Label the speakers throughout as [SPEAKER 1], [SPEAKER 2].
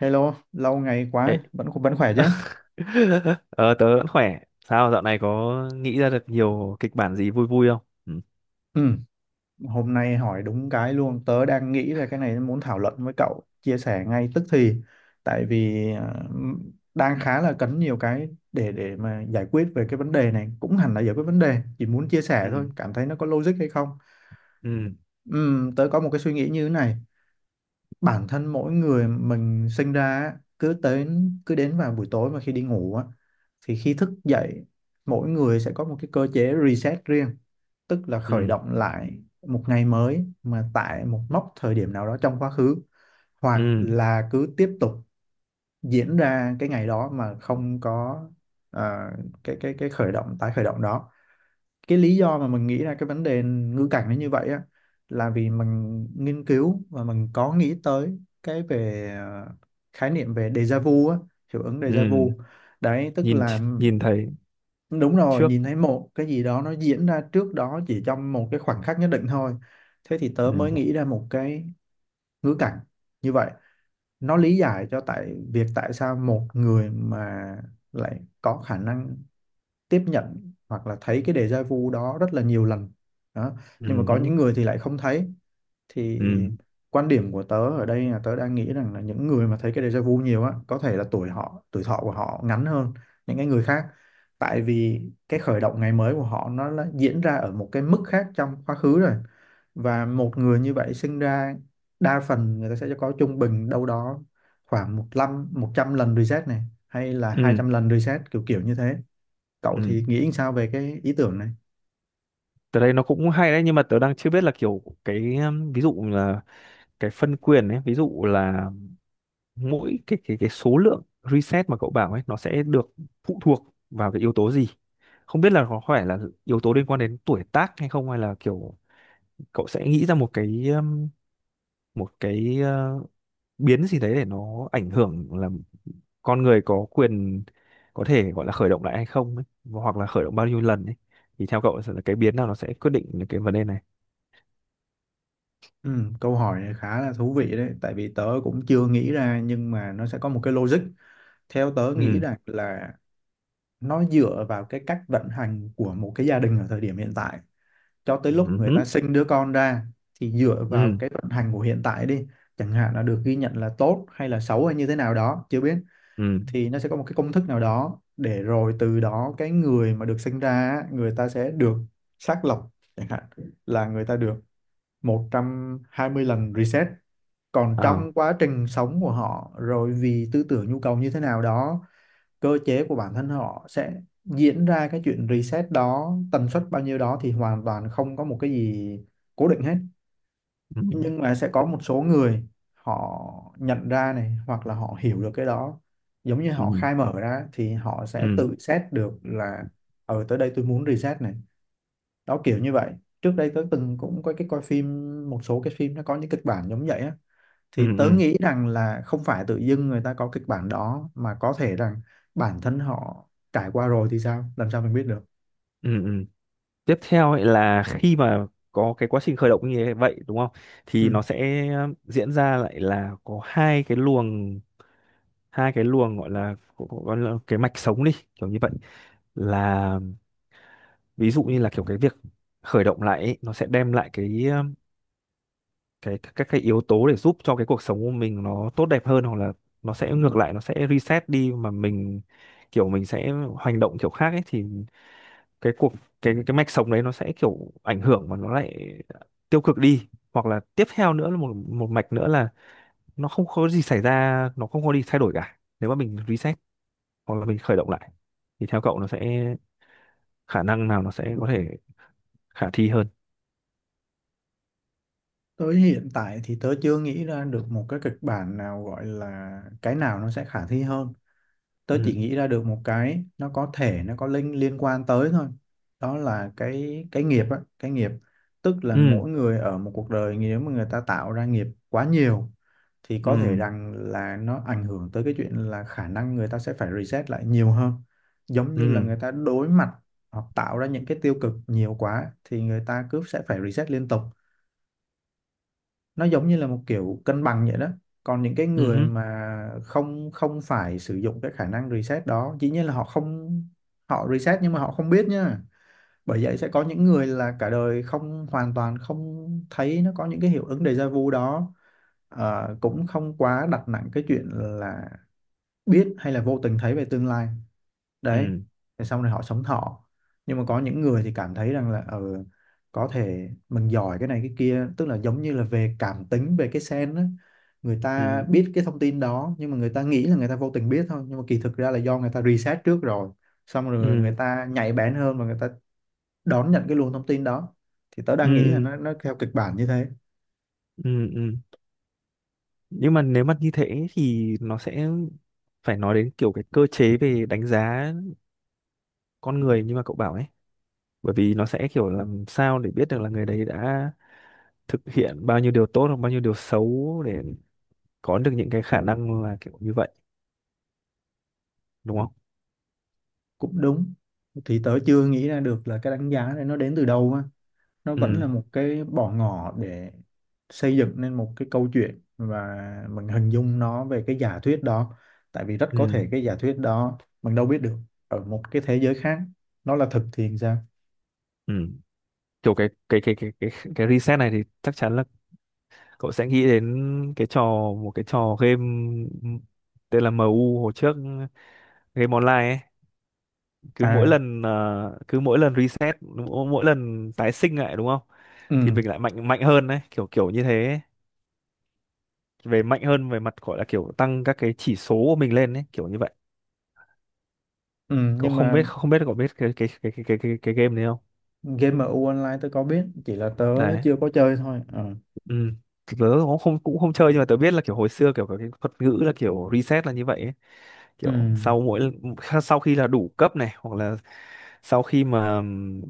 [SPEAKER 1] Hello, lâu ngày quá,
[SPEAKER 2] Ê,
[SPEAKER 1] vẫn vẫn khỏe chứ?
[SPEAKER 2] Ờ, tớ vẫn khỏe. Sao dạo này có nghĩ ra được nhiều kịch bản gì vui vui không? Ừ.
[SPEAKER 1] Ừ, hôm nay hỏi đúng cái luôn, tớ đang nghĩ ra cái này muốn thảo luận với cậu, chia sẻ ngay tức thì, tại vì đang khá là cấn nhiều cái để mà giải quyết về cái vấn đề này, cũng hẳn là giải quyết vấn đề, chỉ muốn chia sẻ thôi,
[SPEAKER 2] Ừ.
[SPEAKER 1] cảm thấy nó có logic hay không?
[SPEAKER 2] Ừ.
[SPEAKER 1] Ừ, tớ có một cái suy nghĩ như thế này, bản thân mỗi người mình sinh ra á, cứ đến vào buổi tối mà khi đi ngủ á, thì khi thức dậy mỗi người sẽ có một cái cơ chế reset riêng, tức là khởi
[SPEAKER 2] Ừ.
[SPEAKER 1] động lại một ngày mới mà tại một mốc thời điểm nào đó trong quá khứ, hoặc
[SPEAKER 2] Ừ.
[SPEAKER 1] là cứ tiếp tục diễn ra cái ngày đó mà không có ờ, cái khởi động đó. Cái lý do mà mình nghĩ ra cái vấn đề ngữ cảnh nó như vậy á là vì mình nghiên cứu và mình có nghĩ tới cái về khái niệm về déjà vu á, hiệu ứng déjà
[SPEAKER 2] Ừ.
[SPEAKER 1] vu, đấy tức
[SPEAKER 2] Nhìn
[SPEAKER 1] là
[SPEAKER 2] nhìn thấy
[SPEAKER 1] đúng rồi,
[SPEAKER 2] trước.
[SPEAKER 1] nhìn thấy một cái gì đó nó diễn ra trước đó chỉ trong một cái khoảnh khắc nhất định thôi. Thế thì tớ mới
[SPEAKER 2] Ừ.
[SPEAKER 1] nghĩ ra một cái ngữ cảnh như vậy, nó lý giải cho tại việc tại sao một người mà lại có khả năng tiếp nhận hoặc là thấy cái déjà vu đó rất là nhiều lần đó, nhưng mà có
[SPEAKER 2] Ừ.
[SPEAKER 1] những người thì lại không thấy. Thì
[SPEAKER 2] Ừ.
[SPEAKER 1] quan điểm của tớ ở đây là tớ đang nghĩ rằng là những người mà thấy cái déjà vu nhiều á có thể là tuổi thọ của họ ngắn hơn những cái người khác, tại vì cái khởi động ngày mới của họ nó đã diễn ra ở một cái mức khác trong quá khứ rồi. Và một người như vậy sinh ra, đa phần người ta sẽ có trung bình đâu đó khoảng 100 lần reset này, hay là hai
[SPEAKER 2] Ừ.
[SPEAKER 1] trăm lần reset kiểu kiểu như thế. Cậu
[SPEAKER 2] Ừ.
[SPEAKER 1] thì nghĩ sao về cái ý tưởng này?
[SPEAKER 2] Tớ đây nó cũng hay đấy, nhưng mà tớ đang chưa biết là kiểu cái ví dụ là cái phân quyền ấy, ví dụ là mỗi cái số lượng reset mà cậu bảo ấy nó sẽ được phụ thuộc vào cái yếu tố gì? Không biết là có phải là yếu tố liên quan đến tuổi tác hay không, hay là kiểu cậu sẽ nghĩ ra một cái biến gì đấy để nó ảnh hưởng là con người có quyền có thể gọi là khởi động lại hay không ấy, hoặc là khởi động bao nhiêu lần ấy, thì theo cậu sẽ là cái biến nào nó sẽ quyết định những cái vấn đề này?
[SPEAKER 1] Ừ, câu hỏi này khá là thú vị đấy, tại vì tớ cũng chưa nghĩ ra nhưng mà nó sẽ có một cái logic. Theo tớ nghĩ
[SPEAKER 2] Ừ.
[SPEAKER 1] rằng là nó dựa vào cái cách vận hành của một cái gia đình ở thời điểm hiện tại. Cho tới
[SPEAKER 2] Ừ.
[SPEAKER 1] lúc người
[SPEAKER 2] Ừ.
[SPEAKER 1] ta sinh đứa con ra thì dựa vào
[SPEAKER 2] Ừ.
[SPEAKER 1] cái vận hành của hiện tại đi. Chẳng hạn là được ghi nhận là tốt hay là xấu hay như thế nào đó, chưa biết.
[SPEAKER 2] Ừ.
[SPEAKER 1] Thì nó sẽ có một cái công thức nào đó để rồi từ đó cái người mà được sinh ra á, người ta sẽ được xác lọc chẳng hạn là người ta được 120 lần reset, còn
[SPEAKER 2] Ờ.
[SPEAKER 1] trong quá trình sống của họ rồi vì tư tưởng nhu cầu như thế nào đó, cơ chế của bản thân họ sẽ diễn ra cái chuyện reset đó tần suất bao nhiêu đó thì hoàn toàn không có một cái gì cố định hết.
[SPEAKER 2] Ừ.
[SPEAKER 1] Nhưng mà sẽ có một số người họ nhận ra này, hoặc là họ hiểu được cái đó, giống như
[SPEAKER 2] Ừ.
[SPEAKER 1] họ khai mở ra thì họ sẽ
[SPEAKER 2] Ừ.
[SPEAKER 1] tự xét được là ở tới đây tôi muốn reset này, đó kiểu như vậy. Trước đây tớ từng cũng có cái coi phim, một số cái phim nó có những kịch bản giống vậy á,
[SPEAKER 2] Ừ.
[SPEAKER 1] thì tớ
[SPEAKER 2] Ừ.
[SPEAKER 1] nghĩ rằng là không phải tự dưng người ta có kịch bản đó mà có thể rằng bản thân họ trải qua rồi thì sao làm sao mình biết được.
[SPEAKER 2] Ừ. Ừ. Tiếp theo ấy là khi mà có cái quá trình khởi động như thế vậy đúng không, thì
[SPEAKER 1] Ừ.
[SPEAKER 2] nó sẽ diễn ra lại là có hai cái luồng, gọi là cái mạch sống đi kiểu như vậy, là ví dụ như là kiểu cái việc khởi động lại ấy, nó sẽ đem lại cái các cái yếu tố để giúp cho cái cuộc sống của mình nó tốt đẹp hơn, hoặc là nó sẽ ngược lại, nó sẽ reset đi mà mình kiểu mình sẽ hành động kiểu khác ấy, thì cái cuộc cái mạch sống đấy nó sẽ kiểu ảnh hưởng mà nó lại tiêu cực đi, hoặc là tiếp theo nữa là một một mạch nữa là nó không có gì xảy ra, nó không có gì thay đổi cả nếu mà mình reset hoặc là mình khởi động lại, thì theo cậu nó sẽ khả năng nào nó sẽ có thể khả thi hơn?
[SPEAKER 1] Tới hiện tại thì tớ chưa nghĩ ra được một cái kịch bản nào gọi là cái nào nó sẽ khả thi hơn, tớ chỉ
[SPEAKER 2] Ừ
[SPEAKER 1] nghĩ ra được một cái nó có thể nó có liên liên quan tới thôi, đó là cái nghiệp á, cái nghiệp, tức là
[SPEAKER 2] ừ.
[SPEAKER 1] mỗi người ở một cuộc đời nếu mà người ta tạo ra nghiệp quá nhiều thì có thể
[SPEAKER 2] Ừ.
[SPEAKER 1] rằng là nó ảnh hưởng tới cái chuyện là khả năng người ta sẽ phải reset lại nhiều hơn, giống như là
[SPEAKER 2] Ừ.
[SPEAKER 1] người ta đối mặt hoặc tạo ra những cái tiêu cực nhiều quá thì người ta cứ sẽ phải reset liên tục, nó giống như là một kiểu cân bằng vậy đó. Còn những cái
[SPEAKER 2] Ừ
[SPEAKER 1] người
[SPEAKER 2] hứ.
[SPEAKER 1] mà không không phải sử dụng cái khả năng reset đó, dĩ nhiên là họ không, họ reset nhưng mà họ không biết nha, bởi vậy sẽ có những người là cả đời không, hoàn toàn không thấy nó có những cái hiệu ứng déjà vu đó. Ờ, cũng không quá đặt nặng cái chuyện là biết hay là vô tình thấy về tương lai, đấy,
[SPEAKER 2] Ừ.
[SPEAKER 1] thế xong rồi họ sống thọ. Nhưng mà có những người thì cảm thấy rằng là ừ, có thể mình giỏi cái này cái kia, tức là giống như là về cảm tính về cái sen á, người ta
[SPEAKER 2] Ừ.
[SPEAKER 1] biết cái thông tin đó nhưng mà người ta nghĩ là người ta vô tình biết thôi, nhưng mà kỳ thực ra là do người ta research trước rồi, xong rồi người
[SPEAKER 2] Ừ.
[SPEAKER 1] ta nhạy bén hơn và người ta đón nhận cái luồng thông tin đó. Thì tớ đang nghĩ là
[SPEAKER 2] Ừ.
[SPEAKER 1] nó theo kịch bản như thế.
[SPEAKER 2] Ừ. Ừ. Nhưng mà nếu mà như thế thì nó sẽ phải nói đến kiểu cái cơ chế về đánh giá con người như mà cậu bảo ấy, bởi vì nó sẽ kiểu làm sao để biết được là người đấy đã thực hiện bao nhiêu điều tốt hoặc bao nhiêu điều xấu để có được những cái khả năng là kiểu như vậy đúng không?
[SPEAKER 1] Cũng đúng, thì tớ chưa nghĩ ra được là cái đánh giá này nó đến từ đâu á, nó vẫn là
[SPEAKER 2] Ừ.
[SPEAKER 1] một cái bỏ ngỏ để xây dựng nên một cái câu chuyện và mình hình dung nó về cái giả thuyết đó, tại vì rất
[SPEAKER 2] Ừ.
[SPEAKER 1] có thể cái giả thuyết đó mình đâu biết được, ở một cái thế giới khác nó là thực thì sao.
[SPEAKER 2] Ừ. Kiểu cái reset này thì chắc chắn là cậu sẽ nghĩ đến cái trò một cái trò game tên là MU hồi trước, game online ấy, cứ mỗi
[SPEAKER 1] À,
[SPEAKER 2] lần cứ mỗi lần reset, mỗi mỗi lần tái sinh lại đúng không thì
[SPEAKER 1] ừ,
[SPEAKER 2] mình lại mạnh mạnh hơn đấy, kiểu kiểu như thế ấy. Về mạnh hơn về mặt gọi là kiểu tăng các cái chỉ số của mình lên đấy, kiểu như vậy.
[SPEAKER 1] ừ
[SPEAKER 2] Cậu
[SPEAKER 1] nhưng
[SPEAKER 2] không
[SPEAKER 1] mà
[SPEAKER 2] biết không biết cậu biết cái game này không?
[SPEAKER 1] game MU Online tớ có biết, chỉ là tớ
[SPEAKER 2] Đấy.
[SPEAKER 1] chưa có chơi thôi. Ờ,
[SPEAKER 2] Ừ, tớ cũng không chơi, nhưng mà tớ biết là kiểu hồi xưa kiểu có cái thuật ngữ là kiểu reset là như vậy ấy.
[SPEAKER 1] ừ,
[SPEAKER 2] Kiểu sau khi là đủ cấp này, hoặc là sau khi mà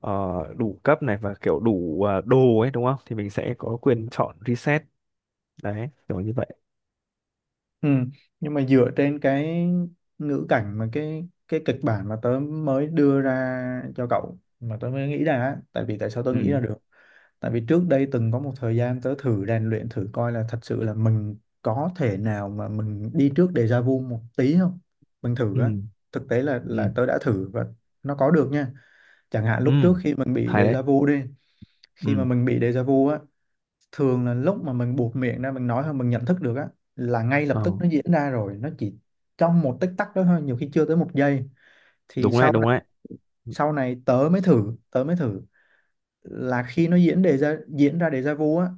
[SPEAKER 2] ờ, đủ cấp này và kiểu đủ đồ ấy đúng không thì mình sẽ có quyền chọn reset, đấy kiểu như vậy.
[SPEAKER 1] ừ nhưng mà dựa trên cái ngữ cảnh mà cái kịch bản mà tớ mới đưa ra cho cậu mà tớ mới nghĩ ra á, tại vì tại sao tớ nghĩ ra
[SPEAKER 2] Ừ.
[SPEAKER 1] được. Tại vì trước đây từng có một thời gian tớ thử rèn luyện, thử coi là thật sự là mình có thể nào mà mình đi trước déjà vu một tí không? Mình thử á.
[SPEAKER 2] Ừ.
[SPEAKER 1] Thực tế là
[SPEAKER 2] Ừ.
[SPEAKER 1] là tớ đã thử và nó có được nha. Chẳng hạn
[SPEAKER 2] Ừ.
[SPEAKER 1] lúc trước khi mình bị
[SPEAKER 2] Hay đấy.
[SPEAKER 1] déjà vu đi, khi mà
[SPEAKER 2] Ừ.
[SPEAKER 1] mình bị déjà vu á, thường là lúc mà mình buột miệng ra mình nói thôi mình nhận thức được á, là ngay lập
[SPEAKER 2] Ờ,
[SPEAKER 1] tức nó diễn ra rồi, nó chỉ trong một tích tắc đó thôi, nhiều khi chưa tới 1 giây. Thì
[SPEAKER 2] đúng đấy, đúng đấy.
[SPEAKER 1] sau này tớ mới thử là khi nó diễn ra déjà vu á,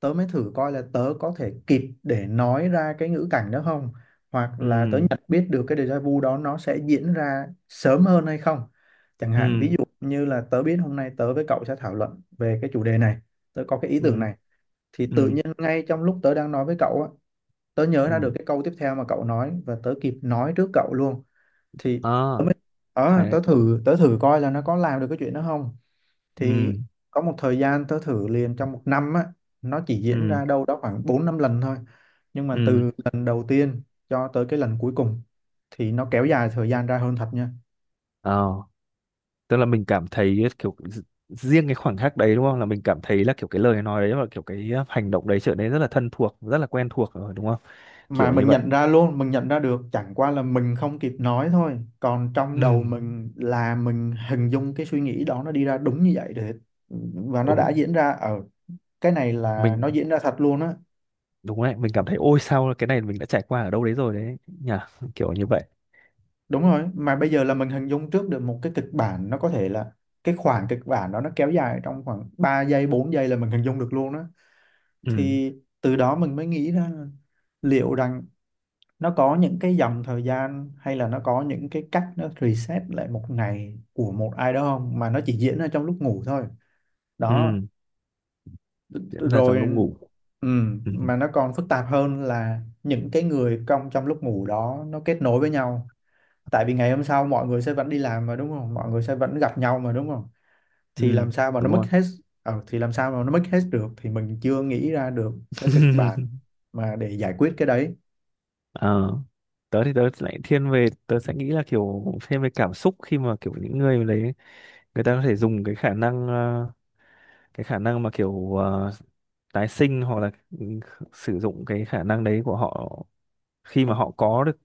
[SPEAKER 1] tớ mới thử coi là tớ có thể kịp để nói ra cái ngữ cảnh đó không, hoặc là tớ
[SPEAKER 2] Ừ.
[SPEAKER 1] nhận biết được cái déjà vu đó nó sẽ diễn ra sớm hơn hay không. Chẳng hạn ví
[SPEAKER 2] Ừ.
[SPEAKER 1] dụ như là tớ biết hôm nay tớ với cậu sẽ thảo luận về cái chủ đề này, tớ có cái ý tưởng
[SPEAKER 2] Ừ.
[SPEAKER 1] này, thì tự
[SPEAKER 2] Ừ.
[SPEAKER 1] nhiên ngay trong lúc tớ đang nói với cậu á, tớ nhớ ra
[SPEAKER 2] Ừ.
[SPEAKER 1] được cái câu tiếp theo mà cậu nói và tớ kịp nói trước cậu luôn. Thì
[SPEAKER 2] À.
[SPEAKER 1] ờ,
[SPEAKER 2] Hay đấy.
[SPEAKER 1] tớ thử coi là nó có làm được cái chuyện đó không.
[SPEAKER 2] Ừ.
[SPEAKER 1] Thì có một thời gian tớ thử liền trong 1 năm á, nó chỉ diễn
[SPEAKER 2] Ừ.
[SPEAKER 1] ra đâu đó khoảng 4-5 lần thôi, nhưng mà
[SPEAKER 2] Ừ.
[SPEAKER 1] từ lần đầu tiên cho tới cái lần cuối cùng thì nó kéo dài thời gian ra hơn thật nha.
[SPEAKER 2] ờ Tức là mình cảm thấy kiểu riêng cái khoảnh khắc đấy đúng không, là mình cảm thấy là kiểu cái lời nói đấy và kiểu cái hành động đấy trở nên rất là thân thuộc, rất là quen thuộc rồi đúng không,
[SPEAKER 1] Mà
[SPEAKER 2] kiểu như
[SPEAKER 1] mình
[SPEAKER 2] vậy.
[SPEAKER 1] nhận ra luôn, mình nhận ra được chẳng qua là mình không kịp nói thôi, còn trong
[SPEAKER 2] Ừ.
[SPEAKER 1] đầu mình là mình hình dung cái suy nghĩ đó nó đi ra đúng như vậy để, và
[SPEAKER 2] Ừ.
[SPEAKER 1] nó đã diễn ra ở, cái này là
[SPEAKER 2] Mình
[SPEAKER 1] nó diễn ra thật luôn á.
[SPEAKER 2] đúng đấy, mình cảm thấy ôi sao cái này mình đã trải qua ở đâu đấy rồi đấy nhỉ, kiểu như vậy.
[SPEAKER 1] Đúng rồi, mà bây giờ là mình hình dung trước được một cái kịch bản nó có thể là cái khoảng kịch bản đó nó kéo dài trong khoảng 3 giây, 4 giây là mình hình dung được luôn đó.
[SPEAKER 2] Ừ.
[SPEAKER 1] Thì từ đó mình mới nghĩ ra là liệu rằng nó có những cái dòng thời gian hay là nó có những cái cách nó reset lại một ngày của một ai đó không, mà nó chỉ diễn ra trong lúc ngủ thôi. Đó,
[SPEAKER 2] Ừ. Diễn ra
[SPEAKER 1] rồi
[SPEAKER 2] trong lúc ngủ.
[SPEAKER 1] ừ,
[SPEAKER 2] Ừ.
[SPEAKER 1] mà nó còn phức tạp hơn là những cái người trong trong lúc ngủ đó nó kết nối với nhau, tại vì ngày hôm sau mọi người sẽ vẫn đi làm mà đúng không, mọi người sẽ vẫn gặp nhau mà đúng không, thì
[SPEAKER 2] Ừ.
[SPEAKER 1] làm sao mà nó
[SPEAKER 2] Đúng
[SPEAKER 1] mất
[SPEAKER 2] rồi.
[SPEAKER 1] hết. Ờ, thì làm sao mà nó mất hết được thì mình chưa nghĩ ra được cái kịch bản mà để giải quyết cái đấy.
[SPEAKER 2] Ờ, tớ thì tớ lại thiên về tớ sẽ nghĩ là kiểu thêm về cảm xúc khi mà kiểu những người đấy người ta có thể dùng cái khả năng cái khả năng mà kiểu tái sinh hoặc là ừ, sử dụng cái khả năng đấy của họ khi mà họ có được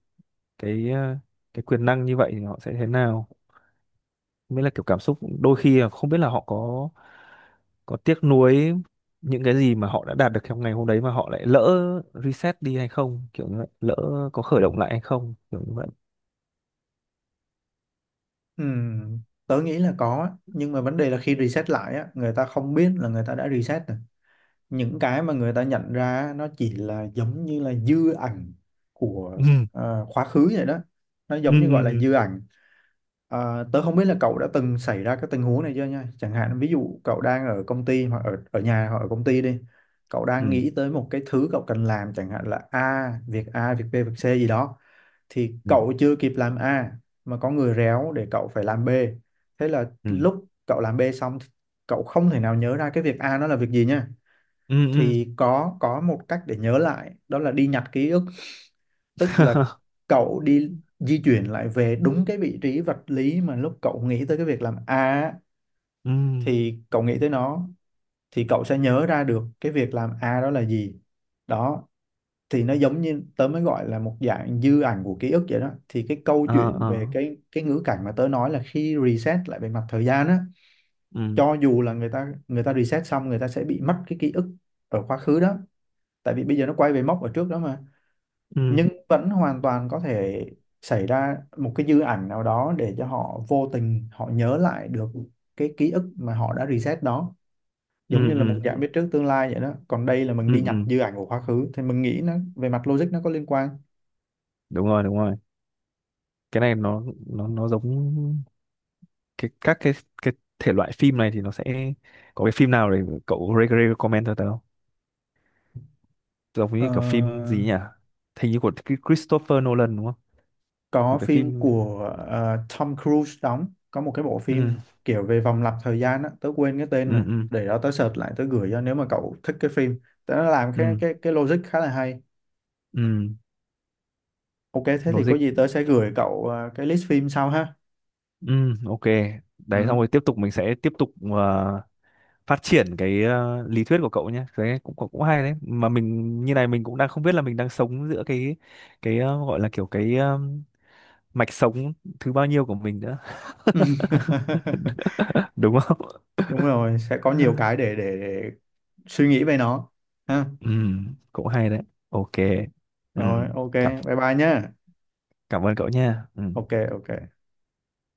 [SPEAKER 2] cái cái quyền năng như vậy thì họ sẽ thế nào, mới là kiểu cảm xúc, đôi khi là không biết là họ có tiếc nuối những cái gì mà họ đã đạt được trong ngày hôm đấy mà họ lại lỡ reset đi hay không, kiểu như vậy, lỡ có khởi động lại hay không kiểu như vậy.
[SPEAKER 1] Ừm, tớ nghĩ là có á. Nhưng mà vấn đề là khi reset lại á người ta không biết là người ta đã reset rồi, những cái mà người ta nhận ra á, nó chỉ là giống như là dư ảnh của
[SPEAKER 2] Ừ.
[SPEAKER 1] quá khứ vậy đó, nó
[SPEAKER 2] Ừ.
[SPEAKER 1] giống như gọi là
[SPEAKER 2] Ừ.
[SPEAKER 1] dư ảnh. À, tớ không biết là cậu đã từng xảy ra cái tình huống này chưa nha. Chẳng hạn ví dụ cậu đang ở công ty hoặc ở ở nhà, hoặc ở công ty đi. Cậu
[SPEAKER 2] Ừ.
[SPEAKER 1] đang nghĩ tới một cái thứ cậu cần làm, chẳng hạn là A, việc B, việc C gì đó, thì
[SPEAKER 2] Ừ.
[SPEAKER 1] cậu chưa kịp làm A mà có người réo để cậu phải làm B. Thế là
[SPEAKER 2] Ừ.
[SPEAKER 1] lúc cậu làm B xong thì cậu không thể nào nhớ ra cái việc A nó là việc gì nha.
[SPEAKER 2] Ừ. Ừ.
[SPEAKER 1] Thì có một cách để nhớ lại, đó là đi nhặt ký ức, tức là cậu đi di chuyển lại về đúng cái vị trí vật lý mà lúc cậu nghĩ tới cái việc làm A
[SPEAKER 2] Ừ.
[SPEAKER 1] thì cậu nghĩ tới nó, thì cậu sẽ nhớ ra được cái việc làm A đó là gì. Đó, thì nó giống như tớ mới gọi là một dạng dư ảnh của ký ức vậy đó. Thì cái câu
[SPEAKER 2] Ờ.
[SPEAKER 1] chuyện
[SPEAKER 2] Ờ.
[SPEAKER 1] về cái ngữ cảnh mà tớ nói là khi reset lại về mặt thời gian á,
[SPEAKER 2] Ừ.
[SPEAKER 1] cho dù là người ta reset xong người ta sẽ bị mất cái ký ức ở quá khứ đó, tại vì bây giờ nó quay về mốc ở trước đó mà,
[SPEAKER 2] Ừ.
[SPEAKER 1] nhưng vẫn hoàn toàn có thể xảy ra một cái dư ảnh nào đó để cho họ vô tình họ nhớ lại được cái ký ức mà họ đã reset đó, giống
[SPEAKER 2] Ừ.
[SPEAKER 1] như là
[SPEAKER 2] Ừ.
[SPEAKER 1] một dạng biết trước tương lai vậy đó, còn đây là mình
[SPEAKER 2] Ừ.
[SPEAKER 1] đi nhập
[SPEAKER 2] Ừ.
[SPEAKER 1] dư ảnh của quá khứ thì mình nghĩ nó về mặt logic nó có liên quan.
[SPEAKER 2] Đúng rồi, đúng rồi. Cái này nó giống cái các cái thể loại phim này thì nó sẽ có cái phim nào để cậu recommend cho tớ không, giống như kiểu phim
[SPEAKER 1] Ờ,
[SPEAKER 2] gì nhỉ, hình như của Christopher Nolan đúng không?
[SPEAKER 1] có
[SPEAKER 2] Một cái
[SPEAKER 1] phim
[SPEAKER 2] phim.
[SPEAKER 1] của Tom Cruise đóng, có một cái bộ
[SPEAKER 2] Ừ.
[SPEAKER 1] phim kiểu về vòng lặp thời gian á, tớ quên cái tên rồi,
[SPEAKER 2] Ừ. Ừ.
[SPEAKER 1] để đó tớ search lại tớ gửi cho, nếu mà cậu thích cái phim tớ làm cái
[SPEAKER 2] Ừ.
[SPEAKER 1] cái cái logic khá là hay.
[SPEAKER 2] Ừ.
[SPEAKER 1] Ok, thế thì có
[SPEAKER 2] Logic.
[SPEAKER 1] gì tớ sẽ gửi cậu à, cái list phim sau ha.
[SPEAKER 2] Ừ. Ok, đấy xong
[SPEAKER 1] Ừ.
[SPEAKER 2] rồi tiếp tục, mình sẽ tiếp tục phát triển cái lý thuyết của cậu nhé, đấy cũng cũng cũng hay đấy, mà mình như này mình cũng đang không biết là mình đang sống giữa cái gọi là kiểu cái mạch sống thứ bao nhiêu của mình nữa. Đúng không?
[SPEAKER 1] Đúng rồi, sẽ có nhiều cái để suy nghĩ về nó. Ha.
[SPEAKER 2] Ừ, cũng hay đấy. Ok. Ừ,
[SPEAKER 1] Rồi, ok,
[SPEAKER 2] cảm
[SPEAKER 1] bye bye nhá.
[SPEAKER 2] cảm ơn cậu nha. Ừ.
[SPEAKER 1] Ok, ok.